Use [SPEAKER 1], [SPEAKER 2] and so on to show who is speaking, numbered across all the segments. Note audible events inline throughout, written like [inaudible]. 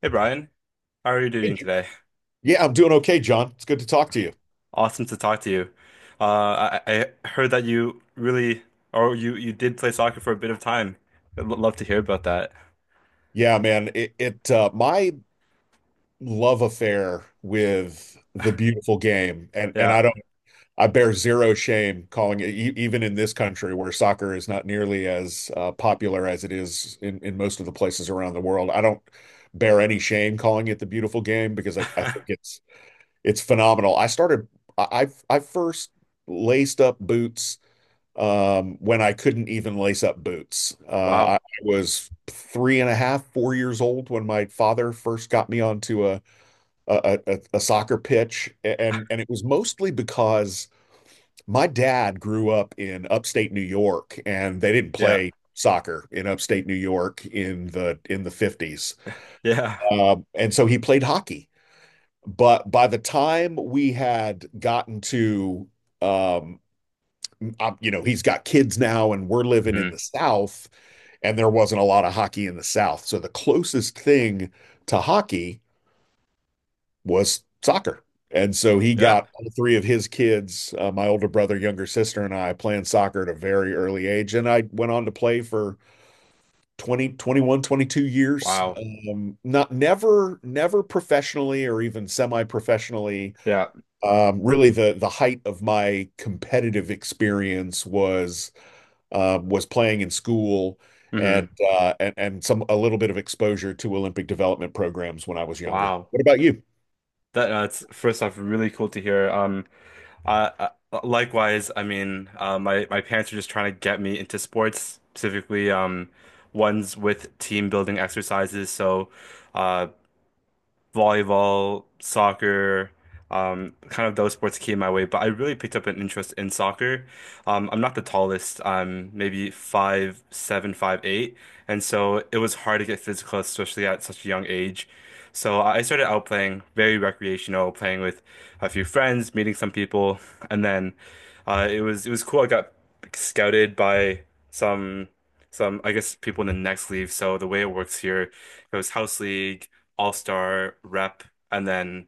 [SPEAKER 1] Hey Brian, how are you
[SPEAKER 2] Hey,
[SPEAKER 1] doing
[SPEAKER 2] J-
[SPEAKER 1] today?
[SPEAKER 2] Yeah, I'm doing okay, John. It's good to talk to you.
[SPEAKER 1] Awesome to talk to you. I heard that you really, or you did play soccer for a bit of time. I'd love to hear about that.
[SPEAKER 2] Yeah, man, it my love affair with the beautiful game, and
[SPEAKER 1] Yeah.
[SPEAKER 2] I don't, I bear zero shame calling it, even in this country where soccer is not nearly as popular as it is in most of the places around the world. I don't bear any shame calling it the beautiful game because I think
[SPEAKER 1] [laughs]
[SPEAKER 2] it's phenomenal. I first laced up boots when I couldn't even lace up boots. I
[SPEAKER 1] Wow.
[SPEAKER 2] was three and a half, 4 years old when my father first got me onto a soccer pitch, and it was mostly because my dad grew up in upstate New York, and they didn't
[SPEAKER 1] Yeah.
[SPEAKER 2] play soccer in upstate New York in the 50s.
[SPEAKER 1] Yeah.
[SPEAKER 2] And so he played hockey. But by the time we had gotten to um, he's got kids now, and we're living in
[SPEAKER 1] hmm
[SPEAKER 2] the South, and there wasn't a lot of hockey in the South. So the closest thing to hockey was soccer. And so he
[SPEAKER 1] Yeah.
[SPEAKER 2] got all three of his kids, my older brother, younger sister, and I playing soccer at a very early age. And I went on to play for 20, 21, 22 years.
[SPEAKER 1] Wow.
[SPEAKER 2] Not never, never professionally or even semi-professionally.
[SPEAKER 1] Yeah.
[SPEAKER 2] Really the height of my competitive experience was playing in school
[SPEAKER 1] hmm
[SPEAKER 2] and some a little bit of exposure to Olympic development programs when I was younger.
[SPEAKER 1] Wow.
[SPEAKER 2] What about you?
[SPEAKER 1] It's first off really cool to hear. Uh, Likewise, my parents are just trying to get me into sports, specifically ones with team building exercises. Uh, Volleyball, soccer, kind of those sports came my way, but I really picked up an interest in soccer. I'm not the tallest. I'm maybe five, seven, five, eight, and so it was hard to get physical, especially at such a young age. So I started out playing very recreational, playing with a few friends, meeting some people, and then it was cool. I got scouted by some I guess people in the next league. So the way it works here, it was house league all-star rep and then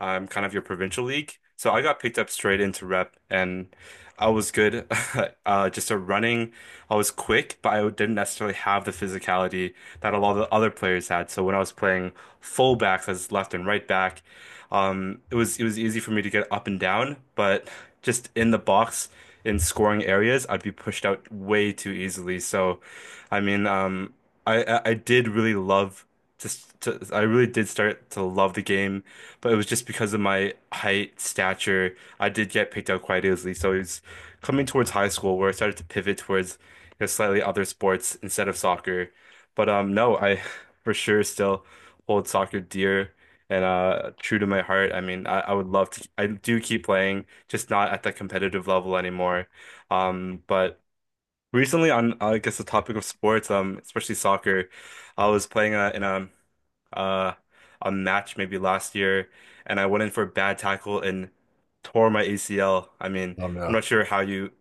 [SPEAKER 1] kind of your provincial league. So I got picked up straight into rep and I was good. [laughs] Just a running. I was quick, but I didn't necessarily have the physicality that a lot of the other players had. So when I was playing fullbacks as left and right back, it was easy for me to get up and down, but just in the box in scoring areas, I'd be pushed out way too easily. I mean, um, I did really love I really did start to love the game, but it was just because of my height, stature, I did get picked out quite easily. So it was coming towards high school where I started to pivot towards because slightly other sports instead of soccer. But no, I [laughs] for sure still hold soccer dear and true to my heart. I mean, I would love to. I do keep playing, just not at the competitive level anymore. But Recently on I guess the topic of sports, especially soccer, I was playing in uh a match maybe last year and I went in for a bad tackle and tore my ACL. I mean,
[SPEAKER 2] Oh
[SPEAKER 1] I'm
[SPEAKER 2] no.
[SPEAKER 1] not sure how you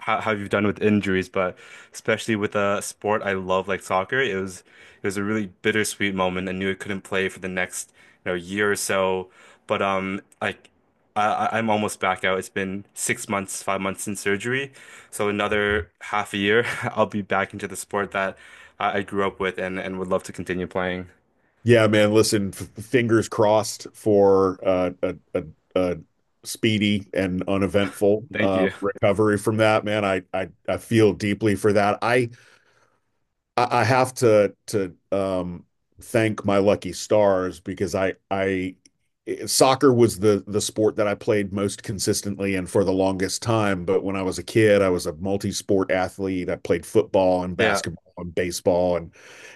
[SPEAKER 1] how, how you've done with injuries, but especially with a sport I love like soccer, it was a really bittersweet moment. I knew I couldn't play for the next, you know, year or so. But like I- I'm almost back out. It's been 6 months, 5 months since surgery. So another half a year, [laughs] I'll be back into the sport that I grew up with and would love to continue playing.
[SPEAKER 2] Yeah, man. Listen, fingers crossed for a speedy and uneventful
[SPEAKER 1] Thank you.
[SPEAKER 2] recovery from that, man. I feel deeply for that. I have to thank my lucky stars because I soccer was the sport that I played most consistently and for the longest time. But when I was a kid, I was a multi-sport athlete. I played football and
[SPEAKER 1] Yeah.
[SPEAKER 2] basketball and baseball and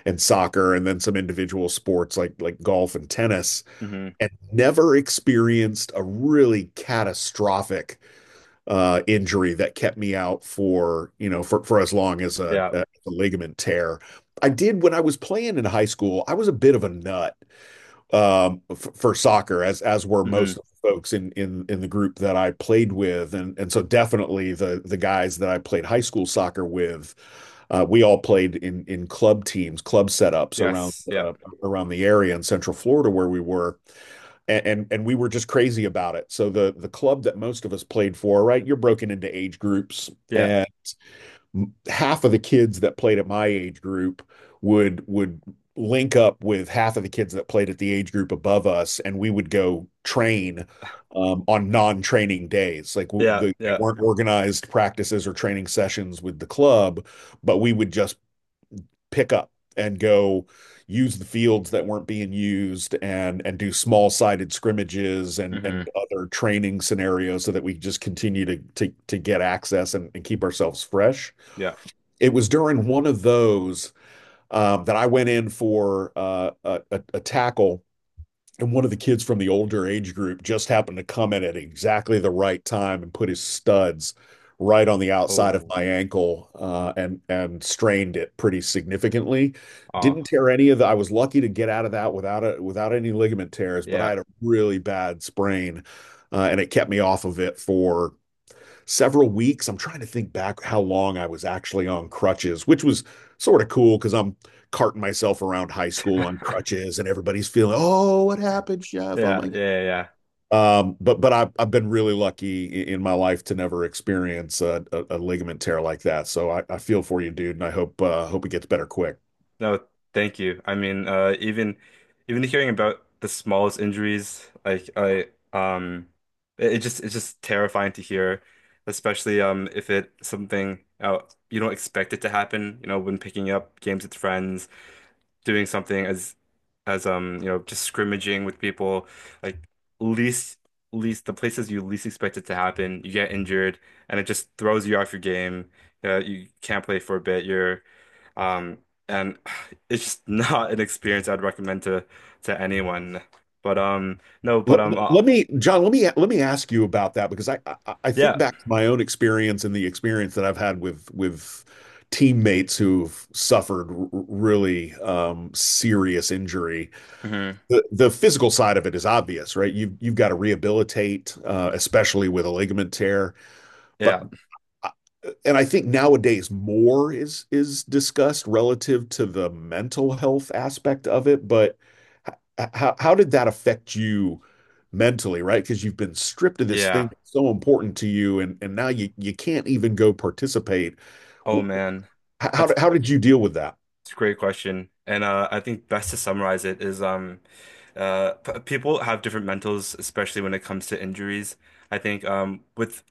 [SPEAKER 2] and soccer and then some individual sports like golf and tennis
[SPEAKER 1] hmm
[SPEAKER 2] and never experienced a really catastrophic injury that kept me out for for as long as a,
[SPEAKER 1] Yeah.
[SPEAKER 2] a ligament tear. I did when I was playing in high school. I was a bit of a nut for soccer, as were
[SPEAKER 1] hmm
[SPEAKER 2] most of the folks in the group that I played with, and so definitely the guys that I played high school soccer with. We all played in club teams, club setups around
[SPEAKER 1] Yes. Yeah.
[SPEAKER 2] uh, around the area in Central Florida where we were, and we were just crazy about it. So the club that most of us played for, right? You're broken into age groups,
[SPEAKER 1] Yeah.
[SPEAKER 2] and half of the kids that played at my age group would link up with half of the kids that played at the age group above us, and we would go train, on non-training days. Like
[SPEAKER 1] Yeah.
[SPEAKER 2] they
[SPEAKER 1] Yeah.
[SPEAKER 2] weren't organized practices or training sessions with the club, but we would just pick up and go use the fields that weren't being used and do small sided scrimmages and
[SPEAKER 1] hmm
[SPEAKER 2] other training scenarios so that we just continue to get access, and keep ourselves fresh.
[SPEAKER 1] Yeah.
[SPEAKER 2] It was during one of those, that I went in for a tackle, and one of the kids from the older age group just happened to come in at exactly the right time and put his studs right on the outside of
[SPEAKER 1] Oh.
[SPEAKER 2] my ankle, and strained it pretty significantly.
[SPEAKER 1] Oh.
[SPEAKER 2] Didn't tear any of the. I was lucky to get out of that without without any ligament tears, but I
[SPEAKER 1] Yeah.
[SPEAKER 2] had a really bad sprain, and it kept me off of it for several weeks. I'm trying to think back how long I was actually on crutches, which was sort of cool because I'm carting myself around high school on crutches, and everybody's feeling, oh, what happened, Chef? Oh
[SPEAKER 1] Yeah.
[SPEAKER 2] my.
[SPEAKER 1] Yeah. Yeah.
[SPEAKER 2] But I've been really lucky in my life to never experience a ligament tear like that. So I feel for you, dude, and I hope it gets better quick.
[SPEAKER 1] No, thank you. Even hearing about the smallest injuries, like I um it, it just it's just terrifying to hear, especially if it something you don't expect it to happen, when picking up games with friends. Doing something as you know just scrimmaging with people like least least the places you least expect it to happen you get injured, and it just throws you off your game. You can't play for a bit you're um and [sighs] it's just [laughs] not an experience I'd recommend to anyone. But no but
[SPEAKER 2] Let, let me, John, let me ask you about that, because I think
[SPEAKER 1] Yeah.
[SPEAKER 2] back to my own experience and the experience that I've had with teammates who've suffered r- really serious injury.
[SPEAKER 1] hmm
[SPEAKER 2] The physical side of it is obvious, right? You've got to rehabilitate, especially with a ligament tear. But
[SPEAKER 1] Yeah.
[SPEAKER 2] and I think nowadays more is discussed relative to the mental health aspect of it, but how did that affect you mentally, right? Because you've been stripped of this thing
[SPEAKER 1] Yeah.
[SPEAKER 2] that's so important to you, and now you can't even go participate.
[SPEAKER 1] Oh man.
[SPEAKER 2] How
[SPEAKER 1] That's
[SPEAKER 2] how did you deal with that?
[SPEAKER 1] it's a great question. And I think best to summarize it is p people have different mentals, especially when it comes to injuries. I think with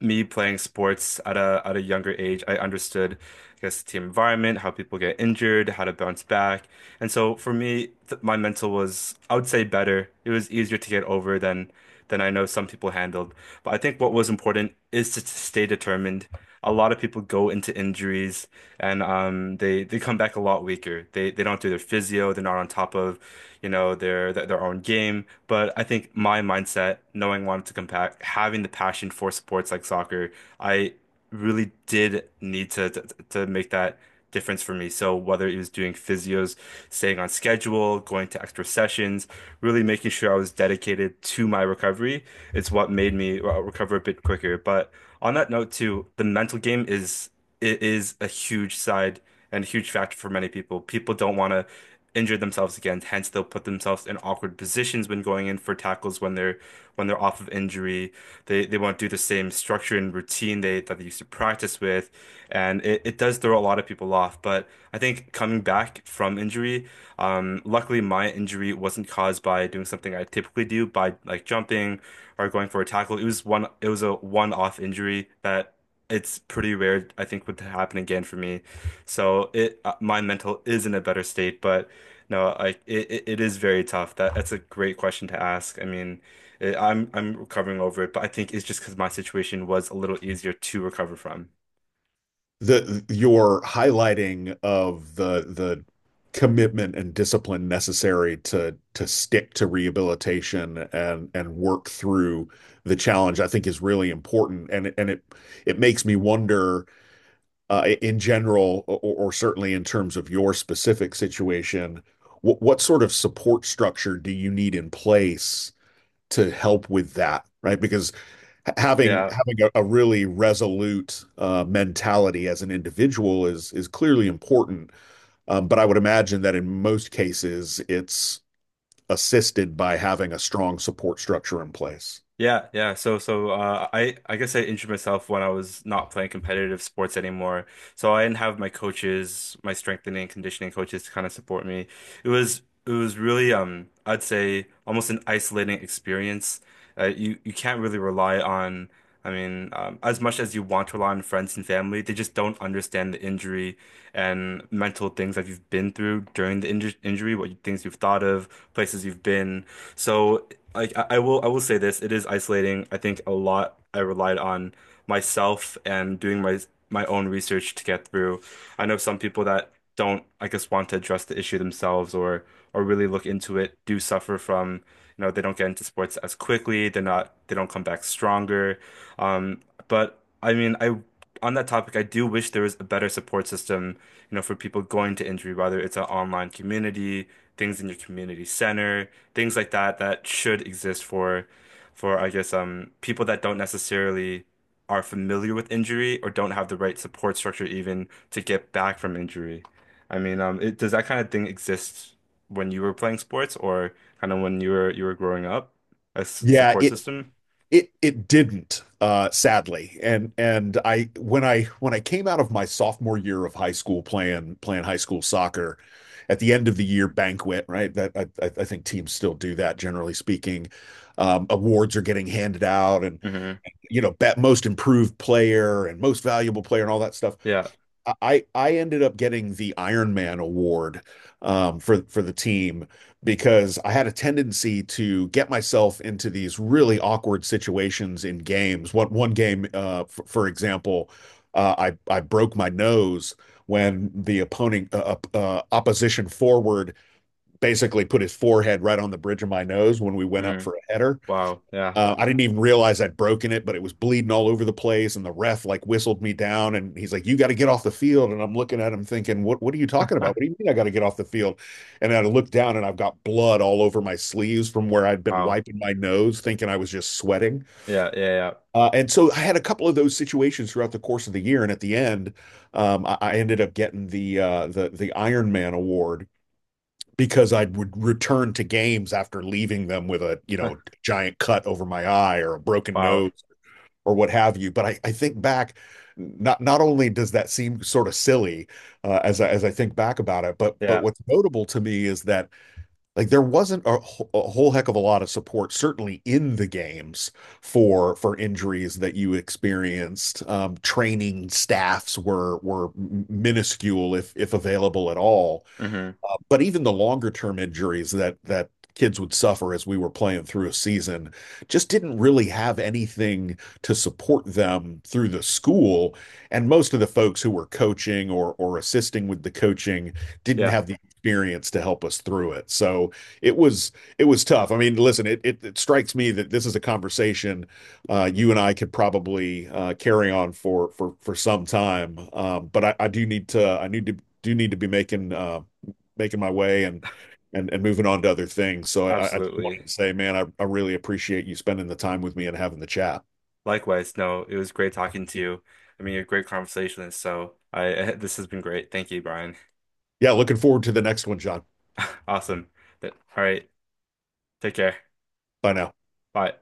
[SPEAKER 1] me playing sports at a younger age, I understood, I guess, the team environment, how people get injured, how to bounce back. And so for me, th my mental was, I would say, better. It was easier to get over than I know some people handled. But I think what was important is to stay determined. A lot of people go into injuries and they come back a lot weaker. They don't do their physio. They're not on top of, you know, their own game. But I think my mindset, knowing wanted to come back, having the passion for sports like soccer, I really did need to make that difference for me. So whether it was doing physios, staying on schedule, going to extra sessions, really making sure I was dedicated to my recovery, it's what made me recover a bit quicker. But on that note too, the mental game is it is a huge side and a huge factor for many people. People don't want to injure themselves again, hence they'll put themselves in awkward positions when going in for tackles when they're off of injury. They won't do the same structure and routine they that they used to practice with, and it does throw a lot of people off. But I think coming back from injury, luckily my injury wasn't caused by doing something I typically do by like jumping or going for a tackle. It was a one-off injury that it's pretty rare, I think, would happen again for me. So it my mental is in a better state, but no, it is very tough. That's a great question to ask. I mean, I'm recovering over it, but I think it's just because my situation was a little easier to recover from.
[SPEAKER 2] The your highlighting of the commitment and discipline necessary to stick to rehabilitation and work through the challenge, I think, is really important, and it makes me wonder, in general, or, certainly in terms of your specific situation, what sort of support structure do you need in place to help with that, right? Because ha- having
[SPEAKER 1] Yeah.
[SPEAKER 2] having a really resolute mentality as an individual is clearly important. But I would imagine that in most cases, it's assisted by having a strong support structure in place.
[SPEAKER 1] I guess I injured myself when I was not playing competitive sports anymore. So I didn't have my coaches, my strengthening and conditioning coaches to kind of support me. It was really I'd say almost an isolating experience. You can't really rely on. I mean, as much as you want to rely on friends and family, they just don't understand the injury and mental things that you've been through during the injury, things you've thought of, places you've been. So I will say this, it is isolating. I think a lot I relied on myself and doing my own research to get through. I know some people that don't, I guess, want to address the issue themselves or really look into it, do suffer from, you know, they don't get into sports as quickly, they don't come back stronger. Um, but I mean, I On that topic, I do wish there was a better support system, you know, for people going to injury, whether it's an online community, things in your community center, things like that that should exist for I guess people that don't necessarily are familiar with injury or don't have the right support structure even to get back from injury. I mean, does that kind of thing exist when you were playing sports or kind of when you were growing up? A
[SPEAKER 2] Yeah,
[SPEAKER 1] support
[SPEAKER 2] it
[SPEAKER 1] system?
[SPEAKER 2] it it didn't, sadly. And I when I when I came out of my sophomore year of high school playing high school soccer, at the end of the year banquet, right? That I think teams still do that, generally speaking. Awards are getting handed out, and
[SPEAKER 1] Hmm
[SPEAKER 2] bet most improved player and most valuable player and all that stuff.
[SPEAKER 1] Yeah.
[SPEAKER 2] I ended up getting the Iron Man award, for the team, because I had a tendency to get myself into these really awkward situations in games. One game, for example, I broke my nose when the opponent opposition forward basically put his forehead right on the bridge of my nose when we went up
[SPEAKER 1] Mm.
[SPEAKER 2] for a header.
[SPEAKER 1] Wow. Yeah.
[SPEAKER 2] I didn't even realize I'd broken it, but it was bleeding all over the place. And the ref, like, whistled me down, and he's like, "You got to get off the field." And I'm looking at him thinking, What are you talking about? What do you mean I got to get off the field?" And I look down and I've got blood all over my sleeves from where I'd been
[SPEAKER 1] Wow.
[SPEAKER 2] wiping my nose, thinking I was just sweating.
[SPEAKER 1] Yeah, yeah,
[SPEAKER 2] And so I had a couple of those situations throughout the course of the year. And at the end, I ended up getting the the Iron Man award because I would return to games after leaving them with a, you
[SPEAKER 1] yeah.
[SPEAKER 2] know, giant cut over my eye or a
[SPEAKER 1] [laughs]
[SPEAKER 2] broken
[SPEAKER 1] Wow.
[SPEAKER 2] nose or what have you. But I think back, not only does that seem sort of silly, as I, think back about it, but
[SPEAKER 1] Yeah,
[SPEAKER 2] what's notable to me is that, like, there wasn't a whole heck of a lot of support, certainly in the games for injuries that you experienced. Training staffs were minuscule, if available at all,
[SPEAKER 1] hmm
[SPEAKER 2] but even the longer term injuries that kids would suffer as we were playing through a season just didn't really have anything to support them through the school, and most of the folks who were coaching or assisting with the coaching didn't
[SPEAKER 1] yeah,
[SPEAKER 2] have the experience to help us through it. So it was tough. I mean, listen, it strikes me that this is a conversation, you and I could probably, carry on for for some time. But I do need to, be making, making my way, and moving on to other things. So I just
[SPEAKER 1] absolutely.
[SPEAKER 2] wanted to say, man, I really appreciate you spending the time with me and having the chat.
[SPEAKER 1] Likewise, no, it was great talking to you. I mean, you're a great conversationalist, so I [laughs] this has been great. Thank you, Brian.
[SPEAKER 2] Yeah, looking forward to the next one, John.
[SPEAKER 1] [laughs] Awesome. All right, take care.
[SPEAKER 2] Bye now.
[SPEAKER 1] Bye.